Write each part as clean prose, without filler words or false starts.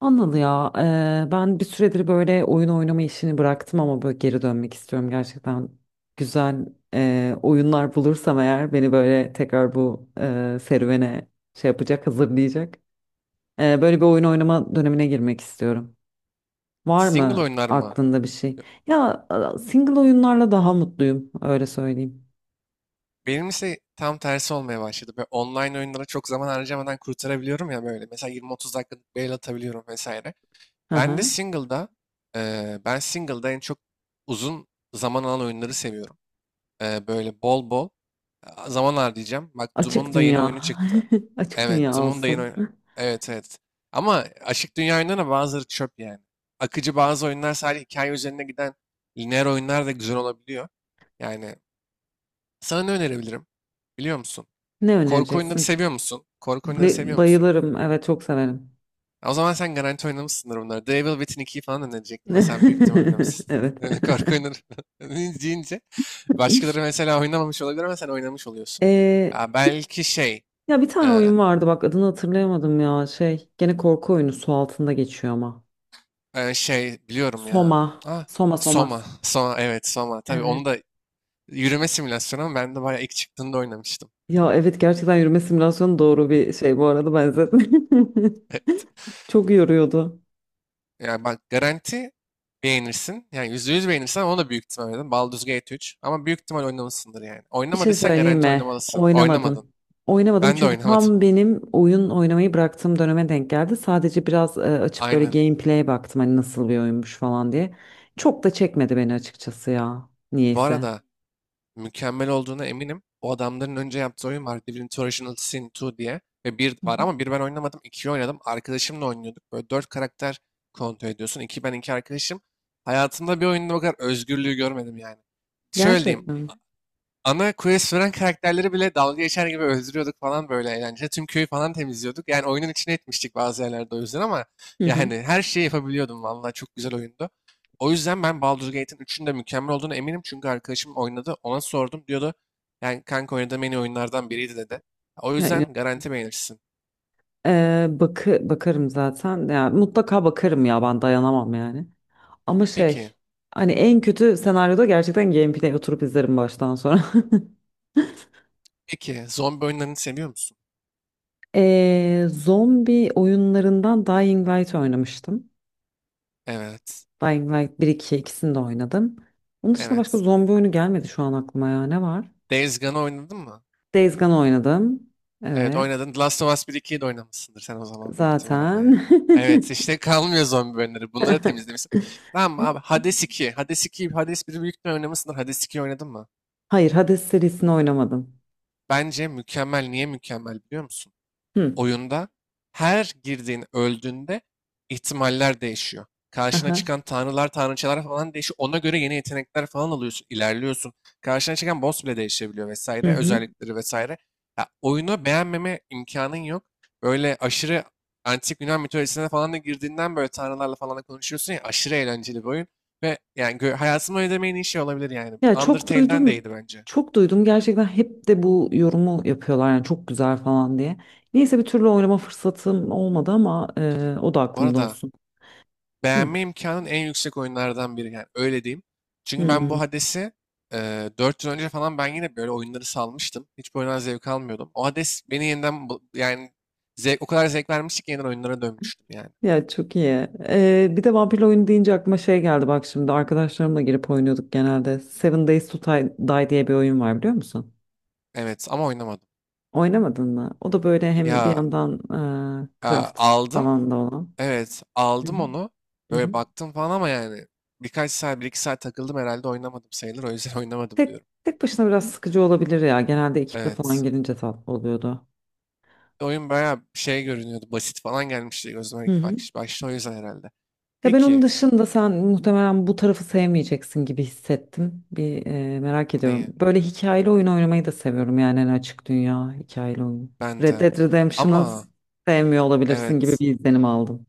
Anıl ya, ben bir süredir böyle oyun oynama işini bıraktım ama böyle geri dönmek istiyorum gerçekten. Güzel oyunlar bulursam eğer beni böyle tekrar bu serüvene şey yapacak, hazırlayacak. Böyle bir oyun oynama dönemine girmek istiyorum. Var mı Single oyunlar mı? aklında bir şey? Single oyunlarla daha mutluyum, öyle söyleyeyim. Benim ise tam tersi olmaya başladı. Böyle online oyunlara çok zaman harcamadan kurtarabiliyorum ya böyle. Mesela 20-30 dakikalık bail atabiliyorum vesaire. Hı Ben de hı. single'da, Ben single'da en çok uzun zaman alan oyunları seviyorum. Böyle bol bol zaman harcayacağım. Bak Açık Doom'un da yeni dünya, oyunu çıktı. açık Evet, dünya Doom'un da yeni olsun. oyunu. Evet, evet. Ama açık dünya oyunlarına bazıları çöp yani. Akıcı bazı oyunlar sadece hikaye üzerine giden lineer oyunlar da güzel olabiliyor. Yani sana ne önerebilirim? Biliyor musun? Ne Korku oyunları önereceksin? seviyor musun? Korku oyunları seviyor musun? Bayılırım, evet çok severim. Ya o zaman sen garanti oynamışsındır bunları. Devil Within 2'yi falan önerecektim ve sen büyük ihtimal oynamışsın. Evet. Yani korku oyunları deyince başkaları mesela oynamamış olabilir ama sen oynamış oluyorsun. Ee, Ya belki şey Ya bir tane e, oyun vardı, bak adını hatırlayamadım ya, şey, gene korku oyunu, su altında geçiyor ama. Şey biliyorum ya. Soma. Ah, Soma. Soma. Soma evet Soma. Tabii onu Evet. da yürüme simülasyonu ama ben de bayağı ilk çıktığında oynamıştım. Ya evet, gerçekten yürüme simülasyonu doğru bir şey bu arada, benzetme. Çok yoruyordu. Yani bak garanti beğenirsin. Yani %100 beğenirsen onu da büyük ihtimal oynadın. Baldur's Gate 3. Ama büyük ihtimal oynamışsındır yani. Bir şey Oynamadıysan söyleyeyim garanti mi? oynamalısın. Oynamadın. Oynamadım. Oynamadım Ben de çünkü oynamadım. tam benim oyun oynamayı bıraktığım döneme denk geldi. Sadece biraz açıp böyle Aynen. gameplay'e baktım, hani nasıl bir oyunmuş falan diye. Çok da çekmedi beni açıkçası ya. Bu Niyeyse. arada mükemmel olduğuna eminim. O adamların önce yaptığı oyun var. Divinity Original Sin 2 diye. Ve bir Hı var hı. ama bir ben oynamadım. 2'yi oynadım. Arkadaşımla oynuyorduk. Böyle dört karakter kontrol ediyorsun. İki ben iki arkadaşım. Hayatımda bir oyunda bu kadar özgürlüğü görmedim yani. Şöyle diyeyim. Gerçekten. Ana quest veren karakterleri bile dalga geçer gibi öldürüyorduk falan böyle eğlence. Tüm köyü falan temizliyorduk. Yani oyunun içine etmiştik bazı yerlerde o yüzden ama Hı hı. yani her şeyi yapabiliyordum vallahi çok güzel oyundu. O yüzden ben Baldur's Gate'in 3'ün de mükemmel olduğunu eminim çünkü arkadaşım oynadı ona sordum diyordu. Yani kanka oynadığım en iyi oyunlardan biriydi dedi. O Ya inan- yüzden garanti beğenirsin. Bakarım zaten. Ya mutlaka bakarım ya, ben dayanamam yani. Ama Peki, şey, hani en kötü senaryoda gerçekten gameplay oturup izlerim baştan sonra. peki zombi oyunlarını seviyor musun? Zombi oyunlarından Dying Light oynamıştım. Evet, Dying Light bir 2, ikisini de oynadım. Onun dışında başka evet. zombi oyunu gelmedi şu an aklıma ya. Ne var? Days Gone'ı oynadın mı? Days Gone oynadım. Evet Evet. oynadın. Last of Us bir ikiyi de oynamışsındır sen o zaman büyük ihtimal ama Zaten. ya. Evet işte kalmıyor zombi bölümleri. Bunları temizlemişsin. Tamam abi Hades iki Hades iki Hades biri büyük ihtimal oynamışsındır. Hades ikiyi oynadın mı? Hayır, Hades serisini oynamadım. Bence mükemmel. Niye mükemmel biliyor musun? Hı. Oyunda her girdiğin öldüğünde ihtimaller değişiyor. Karşına Aha. çıkan tanrılar, tanrıçalar falan değişiyor. Ona göre yeni yetenekler falan alıyorsun, ilerliyorsun. Karşına çıkan boss bile değişebiliyor Hı vesaire, hı. özellikleri vesaire. Ya, oyunu beğenmeme imkanın yok. Böyle aşırı antik Yunan mitolojisine falan da girdiğinden böyle tanrılarla falan da konuşuyorsun ya aşırı eğlenceli bir oyun. Ve yani hayatımı ödemeyin iyi şey olabilir yani. Ya çok Undertale'den de duydum. iyiydi bence. Çok duydum. Gerçekten hep de bu yorumu yapıyorlar. Yani çok güzel falan diye. Neyse, bir türlü oynama fırsatım olmadı ama o da Bu aklımda arada olsun. Hı. beğenme imkanın en yüksek oyunlardan biri. Yani öyle diyeyim. Çünkü ben Hı. bu Hades'i 4 yıl önce falan ben yine böyle oyunları salmıştım. Hiç bu oyundan zevk almıyordum. O Hades beni yeniden yani o kadar zevk vermişti ki yeniden oyunlara dönmüştüm yani. Ya çok iyi. Bir de vampirli oyun deyince aklıma şey geldi, bak şimdi arkadaşlarımla girip oynuyorduk genelde. Seven Days to Die Die diye bir oyun var, biliyor musun? Evet ama oynamadım. Oynamadın mı? O da böyle hem bir Ya yandan e, craft aldım. falan da olan. Evet Hı hı. aldım onu. Hı Böyle hı. baktım falan ama yani birkaç saat, bir iki saat takıldım herhalde oynamadım sayılır. O yüzden oynamadım Tek, diyorum. tek başına biraz sıkıcı olabilir ya. Genelde ekiple falan Evet. gelince tatlı oluyordu. Oyun bayağı şey görünüyordu. Basit falan gelmişti gözüme Hı ilk hı. Başta o yüzden herhalde. Ya ben onun Peki. dışında sen muhtemelen bu tarafı sevmeyeceksin gibi hissettim. Bir merak Neyi? ediyorum. Böyle hikayeli oyun oynamayı da seviyorum yani, en açık dünya hikayeli oyun. Ben Red de. Dead Redemption'ı Ama sevmiyor olabilirsin gibi evet. bir izlenim aldım.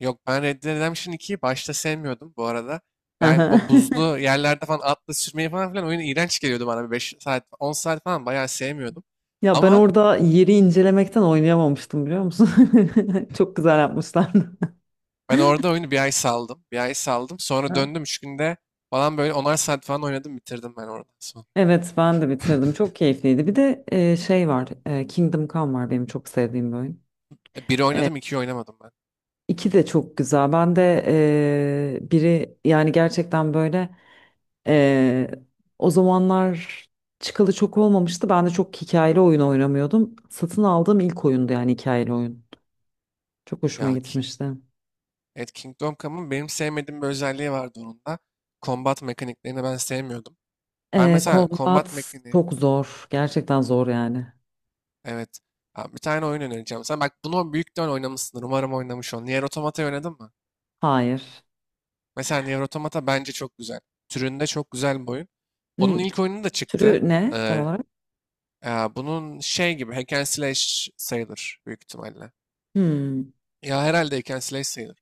Yok ben Red Dead Redemption 2'yi başta sevmiyordum bu arada. Ben Aha. o buzlu yerlerde falan atla sürmeyi falan filan oyun iğrenç geliyordu bana. 5 saat, 10 saat falan bayağı sevmiyordum. Ya ben Ama orada yeri incelemekten oynayamamıştım, biliyor musun? Çok güzel yapmışlar. ben orada oyunu bir ay saldım. Bir ay saldım. Sonra Ha. döndüm 3 günde falan böyle onar saat falan oynadım bitirdim ben oradan sonra. Evet ben de bitirdim. Çok keyifliydi. Bir de şey var. Kingdom Come var, benim çok sevdiğim bir oyun. E, biri oynadım, ikiyi oynamadım ben. İki de çok güzel. Ben de biri, yani gerçekten böyle eee, o zamanlar çıkalı çok olmamıştı. Ben de çok hikayeli oyun oynamıyordum. Satın aldığım ilk oyundu, yani hikayeli oyun. Çok hoşuma Ya gitmişti. evet, Kingdom Come'ın benim sevmediğim bir özelliği vardı onun da. Combat mekaniklerini ben sevmiyordum. Ben mesela combat Combat mekaniği. çok zor. Gerçekten zor yani. Evet. Ya bir tane oyun önereceğim. Sen bak bunu büyükten oynamışsındır. Umarım oynamış ol. Nier Automata'yı oynadın mı? Hayır. Mesela Nier Automata bence çok güzel. Türünde çok güzel bir oyun. Onun N- ilk oyunu da çıktı. Türü ne tam Ee, olarak? Ya bunun şey gibi hack and slash sayılır büyük ihtimalle. Hmm, Ya herhalde hack and slash sayılır.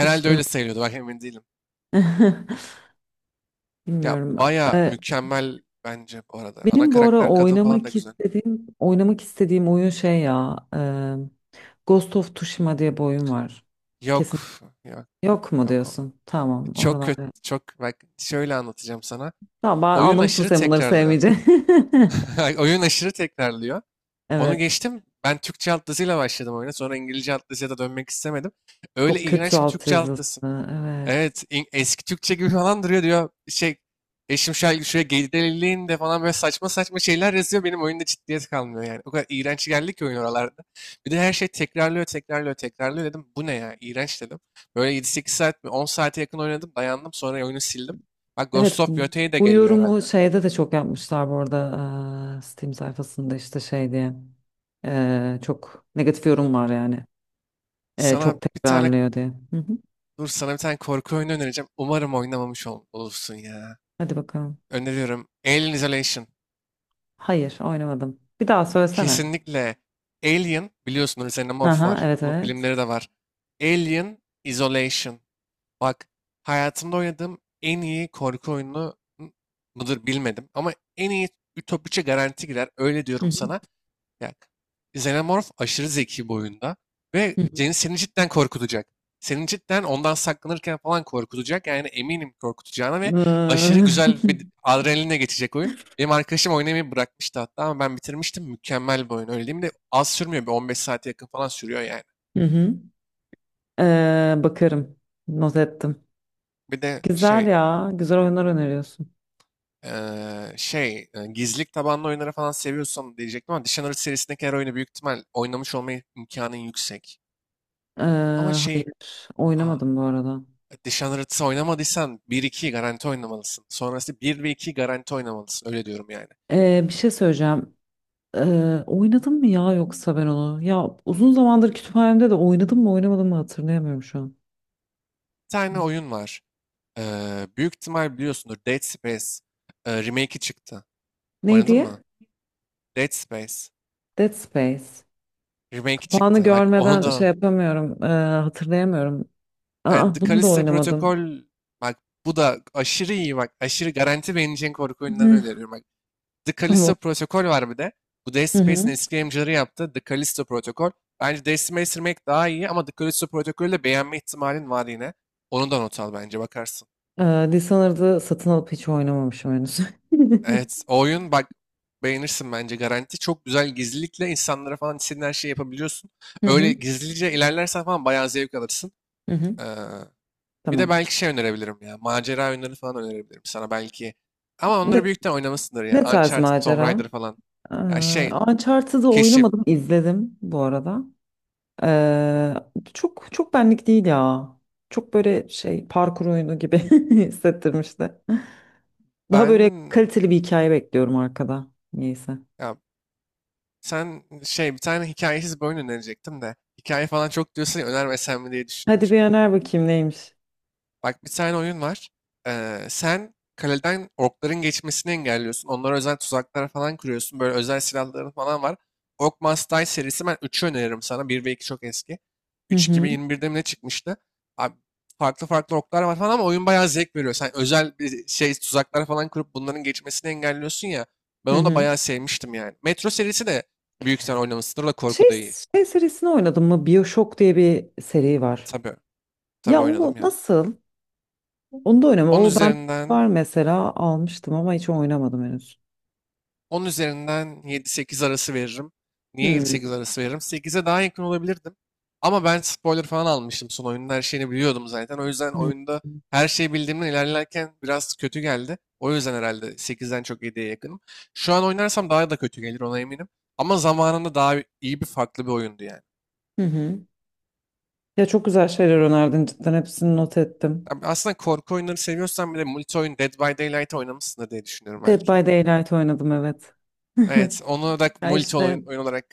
hiç öyle duymadım. sayılıyordu. Bak emin değilim. Ya Bilmiyorum. baya Eee, mükemmel bence bu arada. Ana Benim bu ara karakter kadın falan da güzel. Oynamak istediğim oyun şey ya. Ghost of Tsushima diye bir oyun var. Yok. Kesin Yok. yok mu Yok. Diyorsun? Tamam, Çok oralar. kötü. Çok bak şöyle anlatacağım sana. Tamam, ben Oyun anlamıştım aşırı sen bunları tekrarlıyor. sevmeyeceğini. Oyun aşırı tekrarlıyor. Onu Evet. geçtim. Ben Türkçe alt yazıyla başladım oyuna. Sonra İngilizce alt yazıya da dönmek istemedim. Öyle Çok kötü iğrenç bir Türkçe alt altyazısı. yazı. Evet. Evet, eski Türkçe gibi falan duruyor diyor. Şey, eşim şöyle şuraya gerileyin de falan böyle saçma saçma şeyler yazıyor. Benim oyunda ciddiyet kalmıyor yani. O kadar iğrenç geldi ki oyun oralarda. Bir de her şey tekrarlıyor, tekrarlıyor, tekrarlıyor dedim. Bu ne ya? İğrenç dedim. Böyle 7-8 saat mi? 10 saate yakın oynadım. Dayandım. Sonra oyunu sildim. Bak Ghost Evet of bu, Yotei de Bu geliyor yorumu herhalde. şeyde de çok yapmışlar bu arada. Steam sayfasında işte şey diye. Çok negatif yorum var yani. Sana Çok bir tane tekrarlıyor diye. Hı hı. Dur sana bir tane korku oyunu önereceğim. Umarım oynamamış olursun ya. Hadi bakalım. Öneriyorum. Alien Isolation. Hayır, oynamadım. Bir daha söylesene. Kesinlikle Alien biliyorsunuz üzerine morf Aha, var. evet Bunun evet. filmleri de var. Alien Isolation. Bak hayatımda oynadığım en iyi korku oyunu mıdır bilmedim. Ama en iyi ütopikçe garanti girer. Öyle Hı diyorum hı. sana. Yani Xenomorph aşırı zeki bu oyunda ve Hı hı. Seni cidden korkutacak. Seni cidden ondan saklanırken falan korkutacak. Yani eminim korkutacağına ve aşırı Eee, güzel bir adrenaline geçecek oyun. Benim arkadaşım oynamayı bırakmıştı hatta ama ben bitirmiştim. Mükemmel bir oyun öyle diyeyim de az sürmüyor. Bir 15 saate yakın falan sürüyor yani. Hı hı. Bakarım. Not ettim. Bir de Güzel şey ya. Güzel oyunlar öneriyorsun. Şey gizlilik tabanlı oyunları falan seviyorsan diyecektim ama Dishonored serisindeki her oyunu büyük ihtimal oynamış olma imkanın yüksek. Ee, Ama şey hayır. aa, Oynamadım bu arada. Dishonored'ı oynamadıysan bir 2'yi garanti oynamalısın. Sonrası bir ve 2'yi garanti oynamalısın. Öyle diyorum yani. Bir şey söyleyeceğim. Oynadım mı ya yoksa ben onu? Ya uzun zamandır kütüphanemde, de oynadım mı oynamadım mı hatırlayamıyorum şu an. Bir tane oyun var. Büyük ihtimal biliyorsundur. Dead Space remake'i çıktı. Ne Oynadın mı? diye? Dead Space Dead Space. remake'i Kapağını çıktı. Bak onu görmeden şey da yapamıyorum. Hatırlayamıyorum. The Aa, bunu da Callisto oynamadım. Protocol bak bu da aşırı iyi bak. Aşırı garanti beğeneceğin korku oyunlarını Hı. öneriyorum. Bak The Tamam. Callisto Protokol var bir de. Bu Dead Hı hı. eski yapımcıları yaptı. The Callisto Protokol. Bence Dead Space Remake daha iyi ama The Callisto Protokol'ü de beğenme ihtimalin var yine. Onu da not al bence bakarsın. Dishonored'ı satın alıp hiç oynamamışım henüz. Evet o oyun bak beğenirsin bence garanti. Çok güzel gizlilikle insanlara falan istediğin her şeyi yapabiliyorsun. Hı Öyle hı. gizlice ilerlersen falan bayağı zevk alırsın. Hı hı. Ee, Bir de Tamam. belki şey önerebilirim ya. Macera oyunları falan önerebilirim sana belki. Ama onları büyükten oynamışsındır ya. Ne tarz Uncharted, Tomb macera? Raider falan. Ee, Ya şey, Uncharted'ı keşif. oynamadım, izledim bu arada. Ee, Çok çok benlik değil ya. Çok böyle şey parkur oyunu gibi hissettirmişti. Daha böyle Ben kaliteli bir hikaye bekliyorum arkada. Neyse. Ya sen şey bir tane hikayesiz bir oyun önerecektim de hikaye falan çok diyorsun ya önermesem mi diye düşündüm Hadi bir şimdi. öner bakayım neymiş. Bak bir tane oyun var. Sen kaleden orkların geçmesini engelliyorsun. Onlara özel tuzaklar falan kuruyorsun. Böyle özel silahların falan var. Ork Must Die serisi ben 3'ü öneririm sana. Bir ve 2 çok eski. Hı 3 hı, 2021'de mi ne çıkmıştı? Abi, farklı farklı orklar var falan ama oyun bayağı zevk veriyor. Sen özel bir şey tuzaklar falan kurup bunların geçmesini engelliyorsun ya. Ben hı onu da hı. bayağı sevmiştim yani. Metro serisi de büyük sen oynamışsındır da Şey, korku da iyi. Şey serisini oynadım mı? BioShock diye bir seri var. Tabii, tabii Ya o oynadım ya. nasıl? Onu da oynama. Onun O ben üzerinden var mesela, almıştım ama hiç oynamadım henüz. 10 üzerinden yedi sekiz arası veririm. Hı Niye yedi hı. sekiz arası veririm? Sekize daha yakın olabilirdim. Ama ben spoiler falan almıştım son oyunun her şeyini biliyordum zaten. O yüzden oyunda her şeyi bildiğimden ilerlerken biraz kötü geldi. O yüzden herhalde sekizden çok yediye yakınım. Şu an oynarsam daha da kötü gelir ona eminim. Ama zamanında daha iyi bir farklı bir oyundu yani. Hı hı. Ya çok güzel şeyler önerdin, cidden hepsini not ettim. Yani aslında korku oyunları seviyorsan bile multi oyun Dead by Daylight oynamışsındır diye düşünüyorum Dead belki. by Daylight oynadım, evet. Evet, onu da Ya multi işte oyun olarak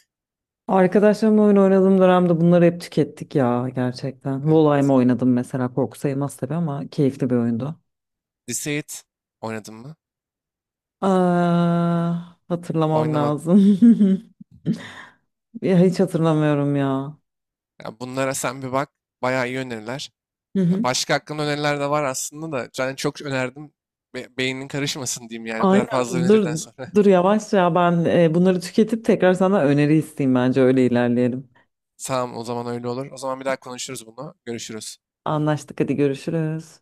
arkadaşlarımla oyun oynadığım dönemde bunları hep tükettik ya, gerçekten. e, Volheim oynadım mesela, korku sayılmaz tabii ama keyifli bir oyundu. Deceit oynadım mı? Aa, hatırlamam Oynamadım. lazım. Ya hiç hatırlamıyorum ya. Ya bunlara sen bir bak. Bayağı iyi öneriler. Hı Ya hı. başka hakkında öneriler de var aslında da. Yani çok önerdim. Beynin karışmasın diyeyim yani. O kadar Aynen, fazla öneriden sonra. dur yavaş ya, ben bunları tüketip tekrar sana öneri isteyeyim, bence öyle ilerleyelim. Tamam o zaman öyle olur. O zaman bir daha konuşuruz bunu. Görüşürüz. Anlaştık, hadi görüşürüz.